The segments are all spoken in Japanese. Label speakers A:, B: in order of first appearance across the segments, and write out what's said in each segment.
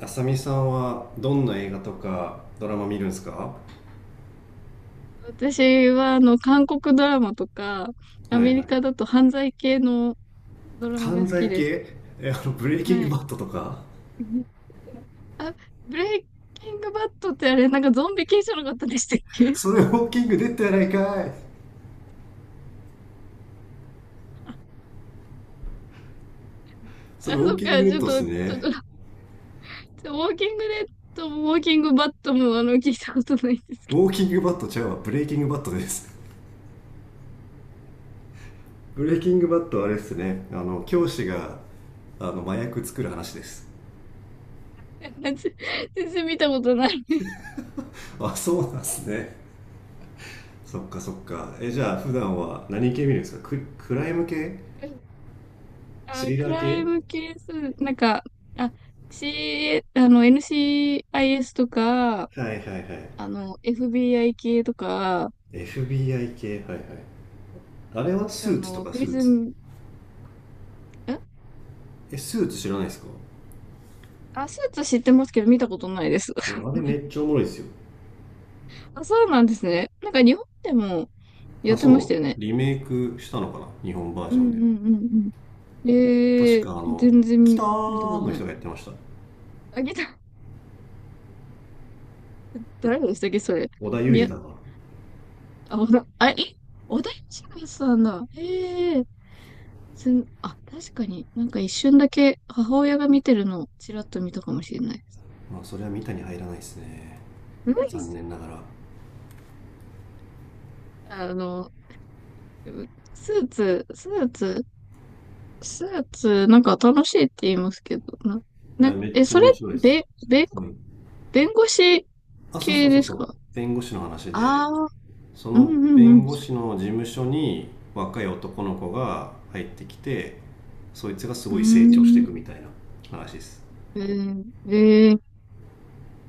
A: あさみさんはどんな映画とかドラマ見るんですか？は
B: 私は、韓国ドラマとか、
A: い
B: ア
A: はい。
B: メリカだと犯罪系のドラマが
A: 犯
B: 好き
A: 罪系。
B: です。
A: ブレイキング
B: は
A: バ
B: い。
A: ットとか？
B: あ、ブレイキングバットってあれ、なんかゾンビ系じゃなかったでしたっけ？
A: それウォーキングデッドやないかい。 そ
B: あ、
A: れウォー
B: そっ
A: キング
B: か、
A: デ
B: ち
A: ッ
B: ょっ
A: ドっ
B: と、
A: す
B: ちょっ
A: ね。
B: と、ウォーキングデッドもウォーキングバットも、聞いたことないんですけ
A: ウ
B: ど。
A: ォーキングバットちゃうわ、ブレイキングバットです。ブレイキングバットはあれっすね、教師が麻薬作る話です。
B: 私全然見たことない。
A: あ、そうなんすね。そっかそっか。じゃあ普段は何系見るんですか？クライム系？ス
B: あ、
A: リ
B: ク
A: ラー
B: ライ
A: 系？
B: ムケース、なんか、あ、C、あの、NCIS とか、
A: はいはいはい。
B: FBI 系とか、
A: FBI 系はいはい。あれはス
B: あ
A: ーツと
B: の、
A: か。
B: プ
A: ス
B: リ
A: ー
B: ズ
A: ツ。
B: ン、ん
A: え、スーツ知らないですか？
B: あ、スーツ知ってますけど見たことないです。
A: あれめっちゃおもろいですよ。
B: あ、そうなんですね。なんか日本でもや
A: あ、
B: ってました
A: そ
B: よ
A: う。
B: ね。
A: リメイクしたのかな、日本バー
B: う
A: ジョ
B: ん
A: ン
B: う
A: で。
B: んうんうん。
A: 確か
B: 全
A: キ
B: 然
A: タ
B: 見た
A: ー
B: こ
A: ン
B: と
A: の
B: な
A: 人
B: い。
A: がやってました。
B: あげた、誰でしたっけ、それ。
A: 織田裕
B: み
A: 二
B: や、
A: だから。
B: あ、おだ、あ、え、小田切さんだ。ええー、すん、あ、確かになんか一瞬だけ母親が見てるのをちらっと見たかもしれないです。
A: まあ、それは見たに入らないですね。
B: うん。
A: 残念ながら。
B: あの、スーツ、スーツ、スーツ、なんか楽しいって言いますけど、な、
A: いや、
B: な、
A: めっ
B: え、
A: ちゃ
B: それ、
A: 面白いです。
B: べ、べ、
A: うん。
B: 弁護士
A: あ、そうそ
B: 系
A: うそ
B: で
A: う
B: す
A: そ
B: か？
A: う。弁護士の話で、
B: ああー、
A: そ
B: う
A: の
B: んう
A: 弁
B: ん
A: 護士の事務所に若い男の子が入ってきて、そいつがす
B: う
A: ごい成長していくみた
B: ん。
A: いな話です。
B: うーん。ー、えー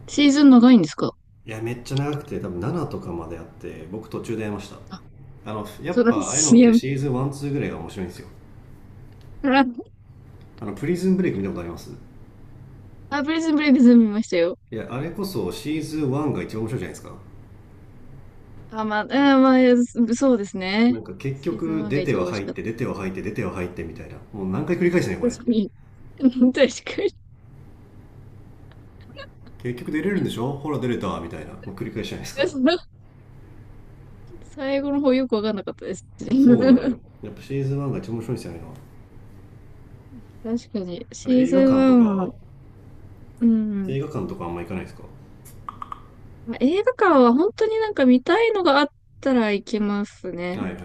B: シーズン長いんですか？
A: いやめっちゃ長くて、多分7とかまであって、僕途中でやめました。
B: あ、
A: やっ
B: そうな
A: ぱ
B: んで
A: ああいう
B: す。
A: の
B: い
A: っ
B: や、
A: てシーズン12ぐらいが面白いんですよ。プリズンブレイク見たことあります？
B: あ、プリズンブレイクズン見ましたよ。
A: いや、あれこそシーズン1が一番面白いじゃないですか。
B: あ、まあ、まあ、そうです
A: な
B: ね。
A: んか結
B: シーズ
A: 局
B: ン1
A: 出
B: が
A: て
B: 一
A: は
B: 番美味し
A: 入っ
B: かっ
A: て、出ては入って、出ては入ってみたいな。もう何回繰り返すねこ
B: た。
A: れっ
B: 確か
A: て。
B: に。確かに。
A: 結局出れるんでしょ、ほら出れたみたいな、もう繰り返しじゃないですか。
B: 最後の方よくわかんなかったです。
A: そうなの
B: 確
A: よ、やっぱシーズン1が一番面白いんですよね。
B: かに。
A: あ
B: シー
A: れ映
B: ズ
A: 画館と
B: ン1は、
A: か、
B: う
A: 映
B: ん。
A: 画館とかあんま行かないですか？は
B: まあ映画館は本当になんか見たいのがあったら行きます
A: い
B: ね。
A: はいはい。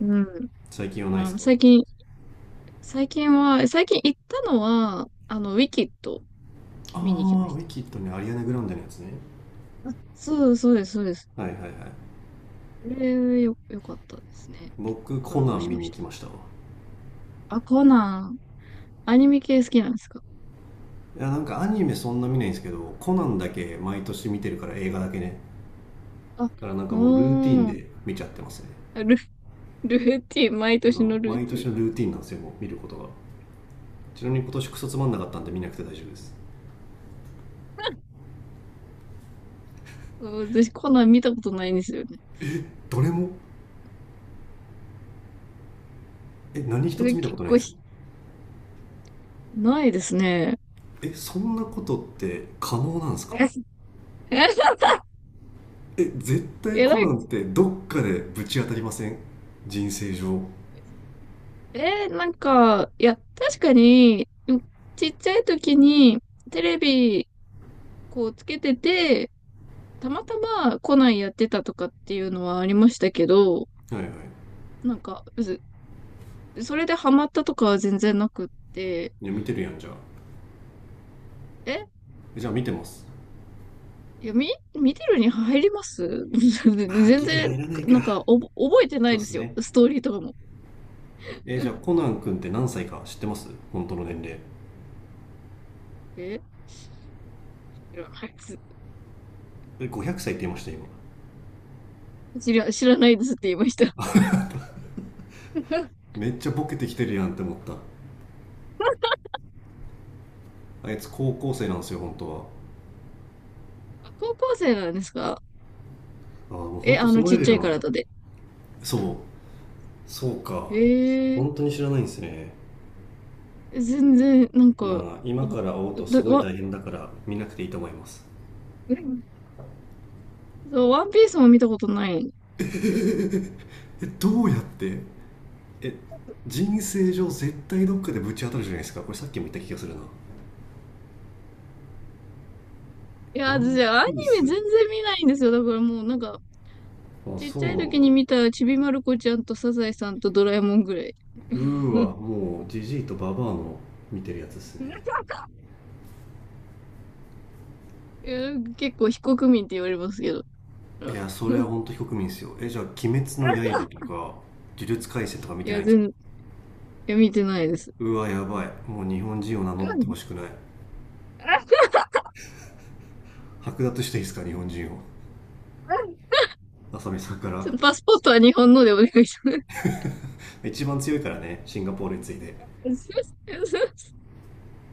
B: うん。
A: 最近はないで
B: あ
A: す
B: の、
A: か？
B: 最近、最近行ったのは、ウィキッド見に行き
A: あ
B: ま
A: あ、
B: し
A: ウィ
B: た。
A: キッドね。アリアナ・グランデのやつね。
B: そうそうです、そうです。
A: はいはいはい。
B: これ、よかったですね。結構
A: 僕コ
B: 感
A: ナ
B: 動
A: ン
B: し
A: 見
B: ま
A: に
B: し
A: 行
B: た。
A: きましたわ。
B: あ、コナン、アニメ系好きなんですか？
A: いや、なんかアニメそんな見ないんですけど、コナンだけ毎年見てるから、映画だけね。
B: あ、
A: だからなんかもうルーティン
B: おー、
A: で見ちゃってますね。
B: ル、ルーティン、毎
A: う
B: 年
A: ん、
B: のルー
A: 毎
B: ティ
A: 年
B: ン。
A: のルーティンなんですよ、もう見ることが。ちなみに今年クソつまんなかったんで見なくて大丈夫です。
B: うん、私、コナン見たことないんですよね。
A: どれも？え、何一つ見た
B: 結
A: ことないん
B: 構
A: ですか？
B: ないですね。
A: えそんなことって可能なんですか？
B: え
A: え、絶対
B: え
A: コ
B: ら
A: ナ
B: い、
A: ンってどっかでぶち当たりません？人生上は
B: えーなんか、いや、確かに、うん、ちっちゃい時にテレビこうつけてて、たまたまコナンやってたとかっていうのはありましたけど、
A: いはい。
B: なんか、ずそれでハマったとかは全然なくって、
A: いや、見てるやんじゃあ。
B: え、
A: じゃあ見てます。
B: いや、見てるに入ります。
A: まあ、
B: 全
A: ギリ
B: 然、
A: 入らないか。
B: なんか、覚えてな
A: そう
B: い
A: っ
B: で
A: す
B: すよ。
A: ね。
B: ストーリーとかも。
A: えーじゃあコナン君って何歳か知ってます？本当の年齢。
B: え、知らないです。
A: え、500歳って言いました、今？
B: 知らないですって言いました。
A: めっちゃボケてきてるやんって思った。あいつ高校生なんですよ、本当は。
B: 高校生なんですか？
A: ああ、もう
B: え、
A: 本当
B: あ
A: そ
B: の
A: の
B: ち
A: レ
B: っ
A: ベ
B: ちゃ
A: ル
B: い
A: なんだ。
B: 体で。
A: そう。そうか。
B: へ
A: 本当に知らないんですね。
B: 全然、なんか、
A: まあ、今
B: お、
A: から会おうとす
B: だ、
A: ごい
B: わ、
A: 大変だから見なくていいと思います。
B: うん、そう、ワンピースも見たことないです。
A: え、
B: う
A: ど
B: ん、
A: うやって？え、人生上絶対どっかでぶち当たるじゃないですか。これさっきも言った気がするな。
B: いや、
A: ワ
B: 私、
A: ン
B: アニ
A: ピー
B: メ全
A: ス。
B: 然見ないんですよ。だからもう、なんか、
A: あ、
B: ちっ
A: そ
B: ち
A: うな
B: ゃい
A: ん
B: 時に
A: だ。
B: 見たちびまる子ちゃんとサザエさんとドラえもんぐらい。
A: うー はもうジジイとババアの見てるやつですね。
B: いや、結構非国民って言われますけど。
A: いやそれは 本当非国民ですよ。じゃあ「鬼滅の刃」とか「呪術廻戦」とか見
B: い
A: てない
B: や、
A: んですか？
B: 全、いや、見てないです。
A: うわやばい、もう日本人を名乗
B: う
A: ってほ
B: ん、
A: しくない。剥奪していいですか、日本人を、浅見さんか
B: ち
A: ら。
B: ょっとパスポートは日本のでお願いします。
A: 一番強いからね、シンガポールに次いで。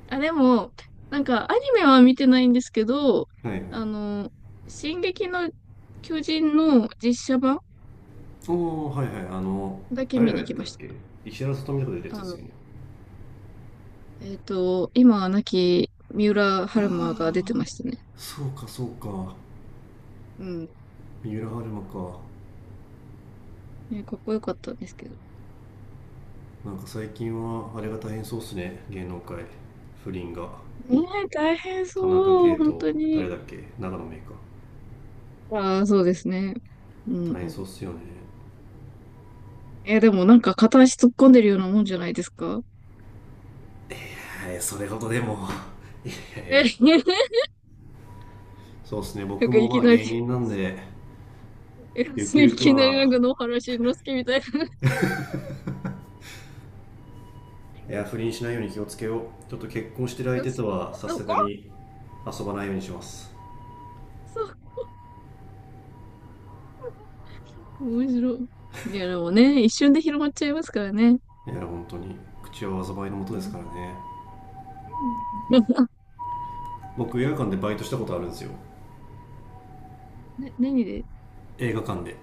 B: あ、でも、なんか、アニメは見てないんですけど、
A: はいはい。
B: あの、進撃の巨人の実写版
A: お、おはいはい。
B: だけ
A: 誰
B: 見
A: が
B: に
A: やっ
B: 行き
A: たっ
B: まし
A: け。石原さとみとか出るやつ
B: た。
A: ですよね？
B: 今は亡き三浦春馬が出てましたね。
A: そうかそうか、
B: うん。
A: 三浦春馬か。
B: ね、かっこよかったんですけど。
A: なんか最近はあれが大変そうっすね、芸能界。不倫が。
B: ねえ、大変
A: 田中
B: そ
A: 圭
B: う、本
A: と
B: 当に。
A: 誰だっけ、長野メイか。
B: ああ、そうですね。うん
A: 大
B: う
A: 変そう
B: ん。
A: っすよね。
B: でもなんか片足突っ込んでるようなもんじゃないですか？
A: はい、それほどでも。いやいや。
B: え、
A: そうっすね、
B: なん
A: 僕
B: か、
A: も
B: い
A: ま
B: き
A: あ
B: なり、
A: 芸人なんで。
B: え
A: ゆく
B: い
A: ゆく
B: きなりなん
A: は、
B: か野原しんのすけみたいな。
A: いや不倫しないように気をつけよう。ちょっと結婚してる相手と はさ
B: そ
A: す
B: こ
A: がに遊ばないようにします。
B: そう、面白い。いや、でもね、一瞬で広まっちゃいますからね。
A: いや本当に、口は災いのもと
B: う
A: ですから
B: ん。
A: ね。 僕映画館でバイトしたことあるんですよ。
B: ね、何で？
A: 映画館で。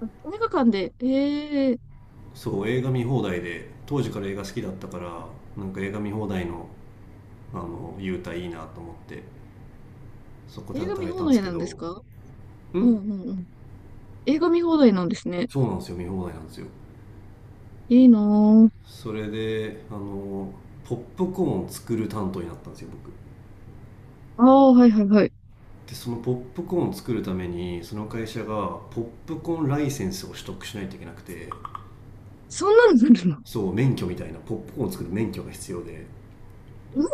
B: あ、映画館で、ー、
A: そう、映画見放題で、当時から映画好きだったから、なんか映画見放題の優待いいなと思って、そこで
B: 映画
A: 働
B: 見
A: いた
B: 放
A: んです
B: 題
A: け
B: なん
A: ど。
B: です
A: ん？
B: か？うんうんうん。映画見放題なんですね。
A: そうなんですよ、見放題なんですよ。
B: いいな
A: それでポップコーン作る担当になったんですよ、僕。
B: ぁ。ああ、はいはいはい。
A: でそのポップコーン作るために、その会社がポップコーンライセンスを取得しないといけなくて。
B: そんなのなるの？
A: そう、免許みたいな、ポップコーン作る免許が必要で、
B: うん、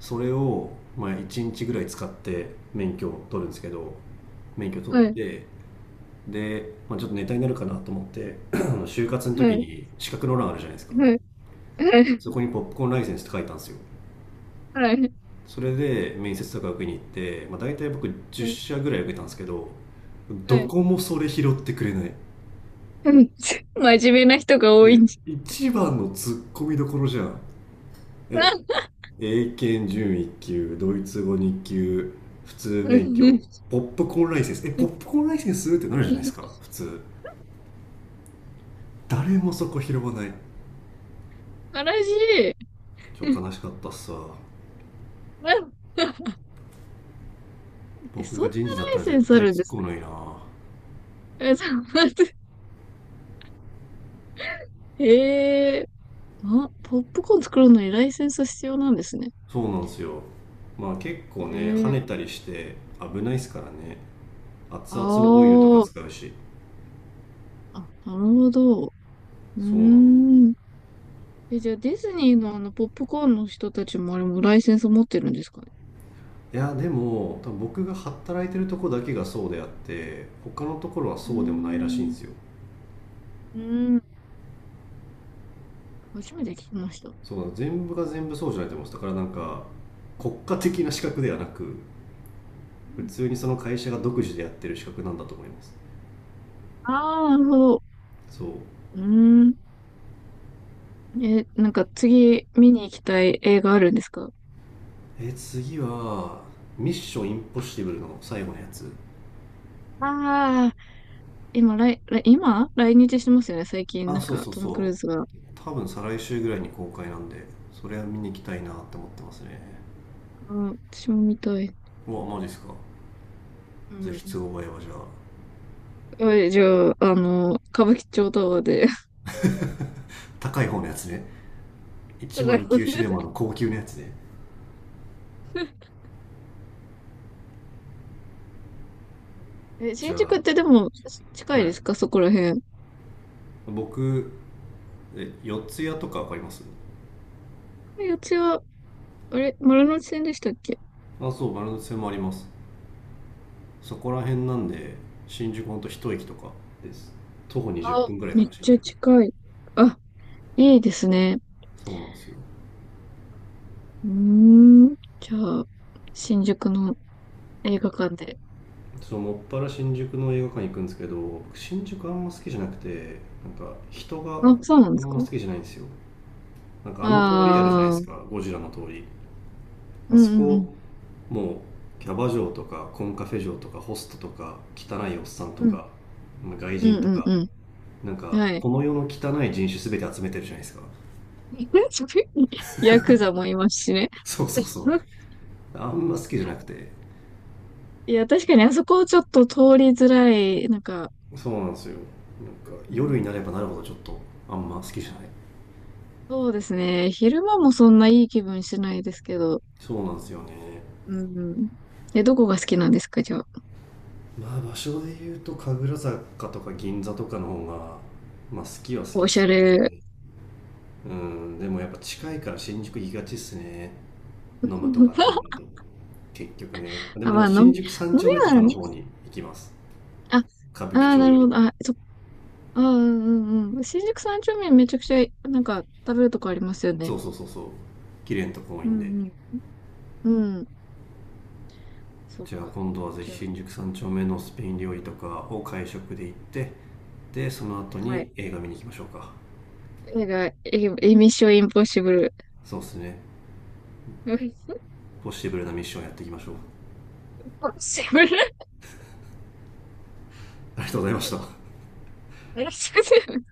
A: それを、まあ、1日ぐらい使って免許を取るんですけど、免許取っ
B: はい、
A: て、で、まあ、ちょっとネタになるかなと思って、 就活の時
B: はい、
A: に資格の欄あるじゃないですか。
B: はい、は
A: そ
B: い、
A: こにポップコーンライセンスって書いたんですよ。
B: はい、
A: それで面接とか受けに行って、まあ、大体僕
B: は
A: 10
B: い、
A: 社ぐらい受けたんですけど、
B: は
A: ど
B: い。
A: こもそれ拾ってくれない。
B: うん、真面目な人が
A: い
B: 多
A: や、
B: いんじ
A: 一番のツッコミどころじゃん。
B: ゃ。
A: え、
B: あ、
A: 英検準一級、ドイツ語二級、普通
B: う
A: 免許、
B: ん、
A: ポップコーンライセンス。ポップコーンライセンスってなるじゃないですか、普通。誰もそこ拾わない。
B: 悲しい。
A: 今日悲しかったっすわ。
B: あ、
A: 僕
B: そん
A: が
B: な
A: 人事だっ
B: ラ
A: た
B: イ
A: ら
B: セ
A: 絶
B: ンスあ
A: 対突
B: るんで
A: っ
B: す
A: 込む
B: か？
A: のにな。
B: そう、ええ。あ、ポップコーン作るのにライセンス必要なんですね。
A: そうなんですよ。まあ結構ね、跳ね
B: ええ、
A: たりして危ないですからね。熱
B: あ
A: 々のオイルとか
B: あ、
A: 使うし。
B: あ、なるほど。うー
A: そうなの。
B: ん。じゃあディズニーのポップコーンの人たちもあれもライセンス持ってるんですかね。
A: いや、でも、多分僕が働いてるとこだけがそうであって、他のところは
B: うー
A: そうでもないらしいんで
B: ん、
A: すよ。
B: うーん、初めて聞きました。
A: そうなの。全部が全部そうじゃないと思うんです。だからなんか、国家的な資格ではなく、普通にその会社が独自でやってる資格なんだと思います。
B: ああー、なるほど。
A: そう。
B: うーん。え、なんか次見に行きたい映画あるんですか？
A: え、次は、ミッションインポッシブルの最後のやつ。
B: ああー、今来日してますよね、最近。な
A: あ、
B: ん
A: そう
B: か
A: そう
B: トム・クルー
A: そ
B: ズが。
A: う。多分再来週ぐらいに公開なんで、それは見に行きたいなって思ってますね。
B: うん、私も見たい。
A: うわ、マジっすか。
B: う
A: ぜひ
B: ん。
A: 都合合えばじゃあ。
B: じゃあ、歌舞伎町タワーで。
A: 高い方のやつね。
B: 互いもん
A: 109シ
B: で
A: ネ
B: す。
A: マの高級なやつね。じ
B: 新
A: ゃ
B: 宿
A: あ、
B: ってでも、近
A: は
B: いで
A: い。
B: すかそこら辺？
A: 僕、え、四谷とかわかります？
B: 四谷は、あれ丸ノ内線でしたっけ？
A: あ、そう、丸ノ内線もあります。そこら辺なんで、新宿ほんと一駅とかです。徒歩20
B: あ、
A: 分ぐらいか
B: めっ
A: な、新
B: ちゃ
A: 宿。
B: 近い。あ、いいですね。
A: そうなんですよ。
B: うーん。じゃあ、新宿の映画館で。
A: そう、もっぱら新宿の映画館行くんですけど、僕新宿あんま好きじゃなくて、なんか人が
B: あ、そうなん
A: あ
B: で
A: ん
B: す
A: ま
B: か？
A: 好きじゃないんですよ。なんかあの通りあるじゃないで
B: ああ
A: す
B: ー、
A: か、ゴジラの通り。
B: う
A: あそ
B: んうん
A: こもう、キャバ嬢とかコンカフェ嬢とかホストとか汚いおっさんと
B: うん。
A: か、まあ外
B: うん、
A: 人と
B: うん
A: か、
B: うん
A: なん
B: うん。
A: か
B: は
A: こ
B: い。
A: の世の汚い人種すべて集めてるじゃないですか。
B: ヤクザもいますしね。
A: そうそうそう。 あんま好きじゃなくて。
B: いや、確かにあそこちょっと通りづらい。なんか、
A: そうなんですよ。なんか
B: う
A: 夜
B: ん。
A: になればなるほどちょっとあんま好きじゃない。
B: そうですね。昼間もそんないい気分しないですけど。
A: そうなんですよね。
B: うん。え、どこが好きなんですか、じゃあ？
A: まあ場所で言うと神楽坂とか銀座とかの方がまあ好きは好き
B: お
A: っ
B: し
A: す
B: ゃ
A: ね。
B: れ。
A: うん、でもやっぱ近いから新宿行きがちっすね、飲むとかってな ると。結局ね、で
B: あ、ま
A: も
B: あ、飲み、
A: 新
B: 飲
A: 宿三
B: み
A: 丁目とか
B: は
A: の
B: ね。
A: 方に行きます、
B: あ、あ
A: 歌舞伎
B: あ、
A: 町
B: な
A: よ
B: る
A: り。
B: ほど。あ、そ、あー、うんうんうん。新宿三丁目めちゃくちゃ、なんか、食べるとこありますよ
A: そ
B: ね。
A: うそうそうそう、綺麗なとこ多い
B: う
A: んで。
B: んうん。うん。そっ
A: じゃあ
B: か。
A: 今度はぜ
B: じ
A: ひ
B: ゃあ、
A: 新宿三丁目のスペイン料理とかを会食で行って、でその後
B: はい。
A: に映画見に行きましょうか。
B: 映画、エミッションインポッシブル。
A: そうですね。
B: イン
A: ポッシブルなミッションやっていきましょう。
B: ポッシブル。
A: ありがとうございました。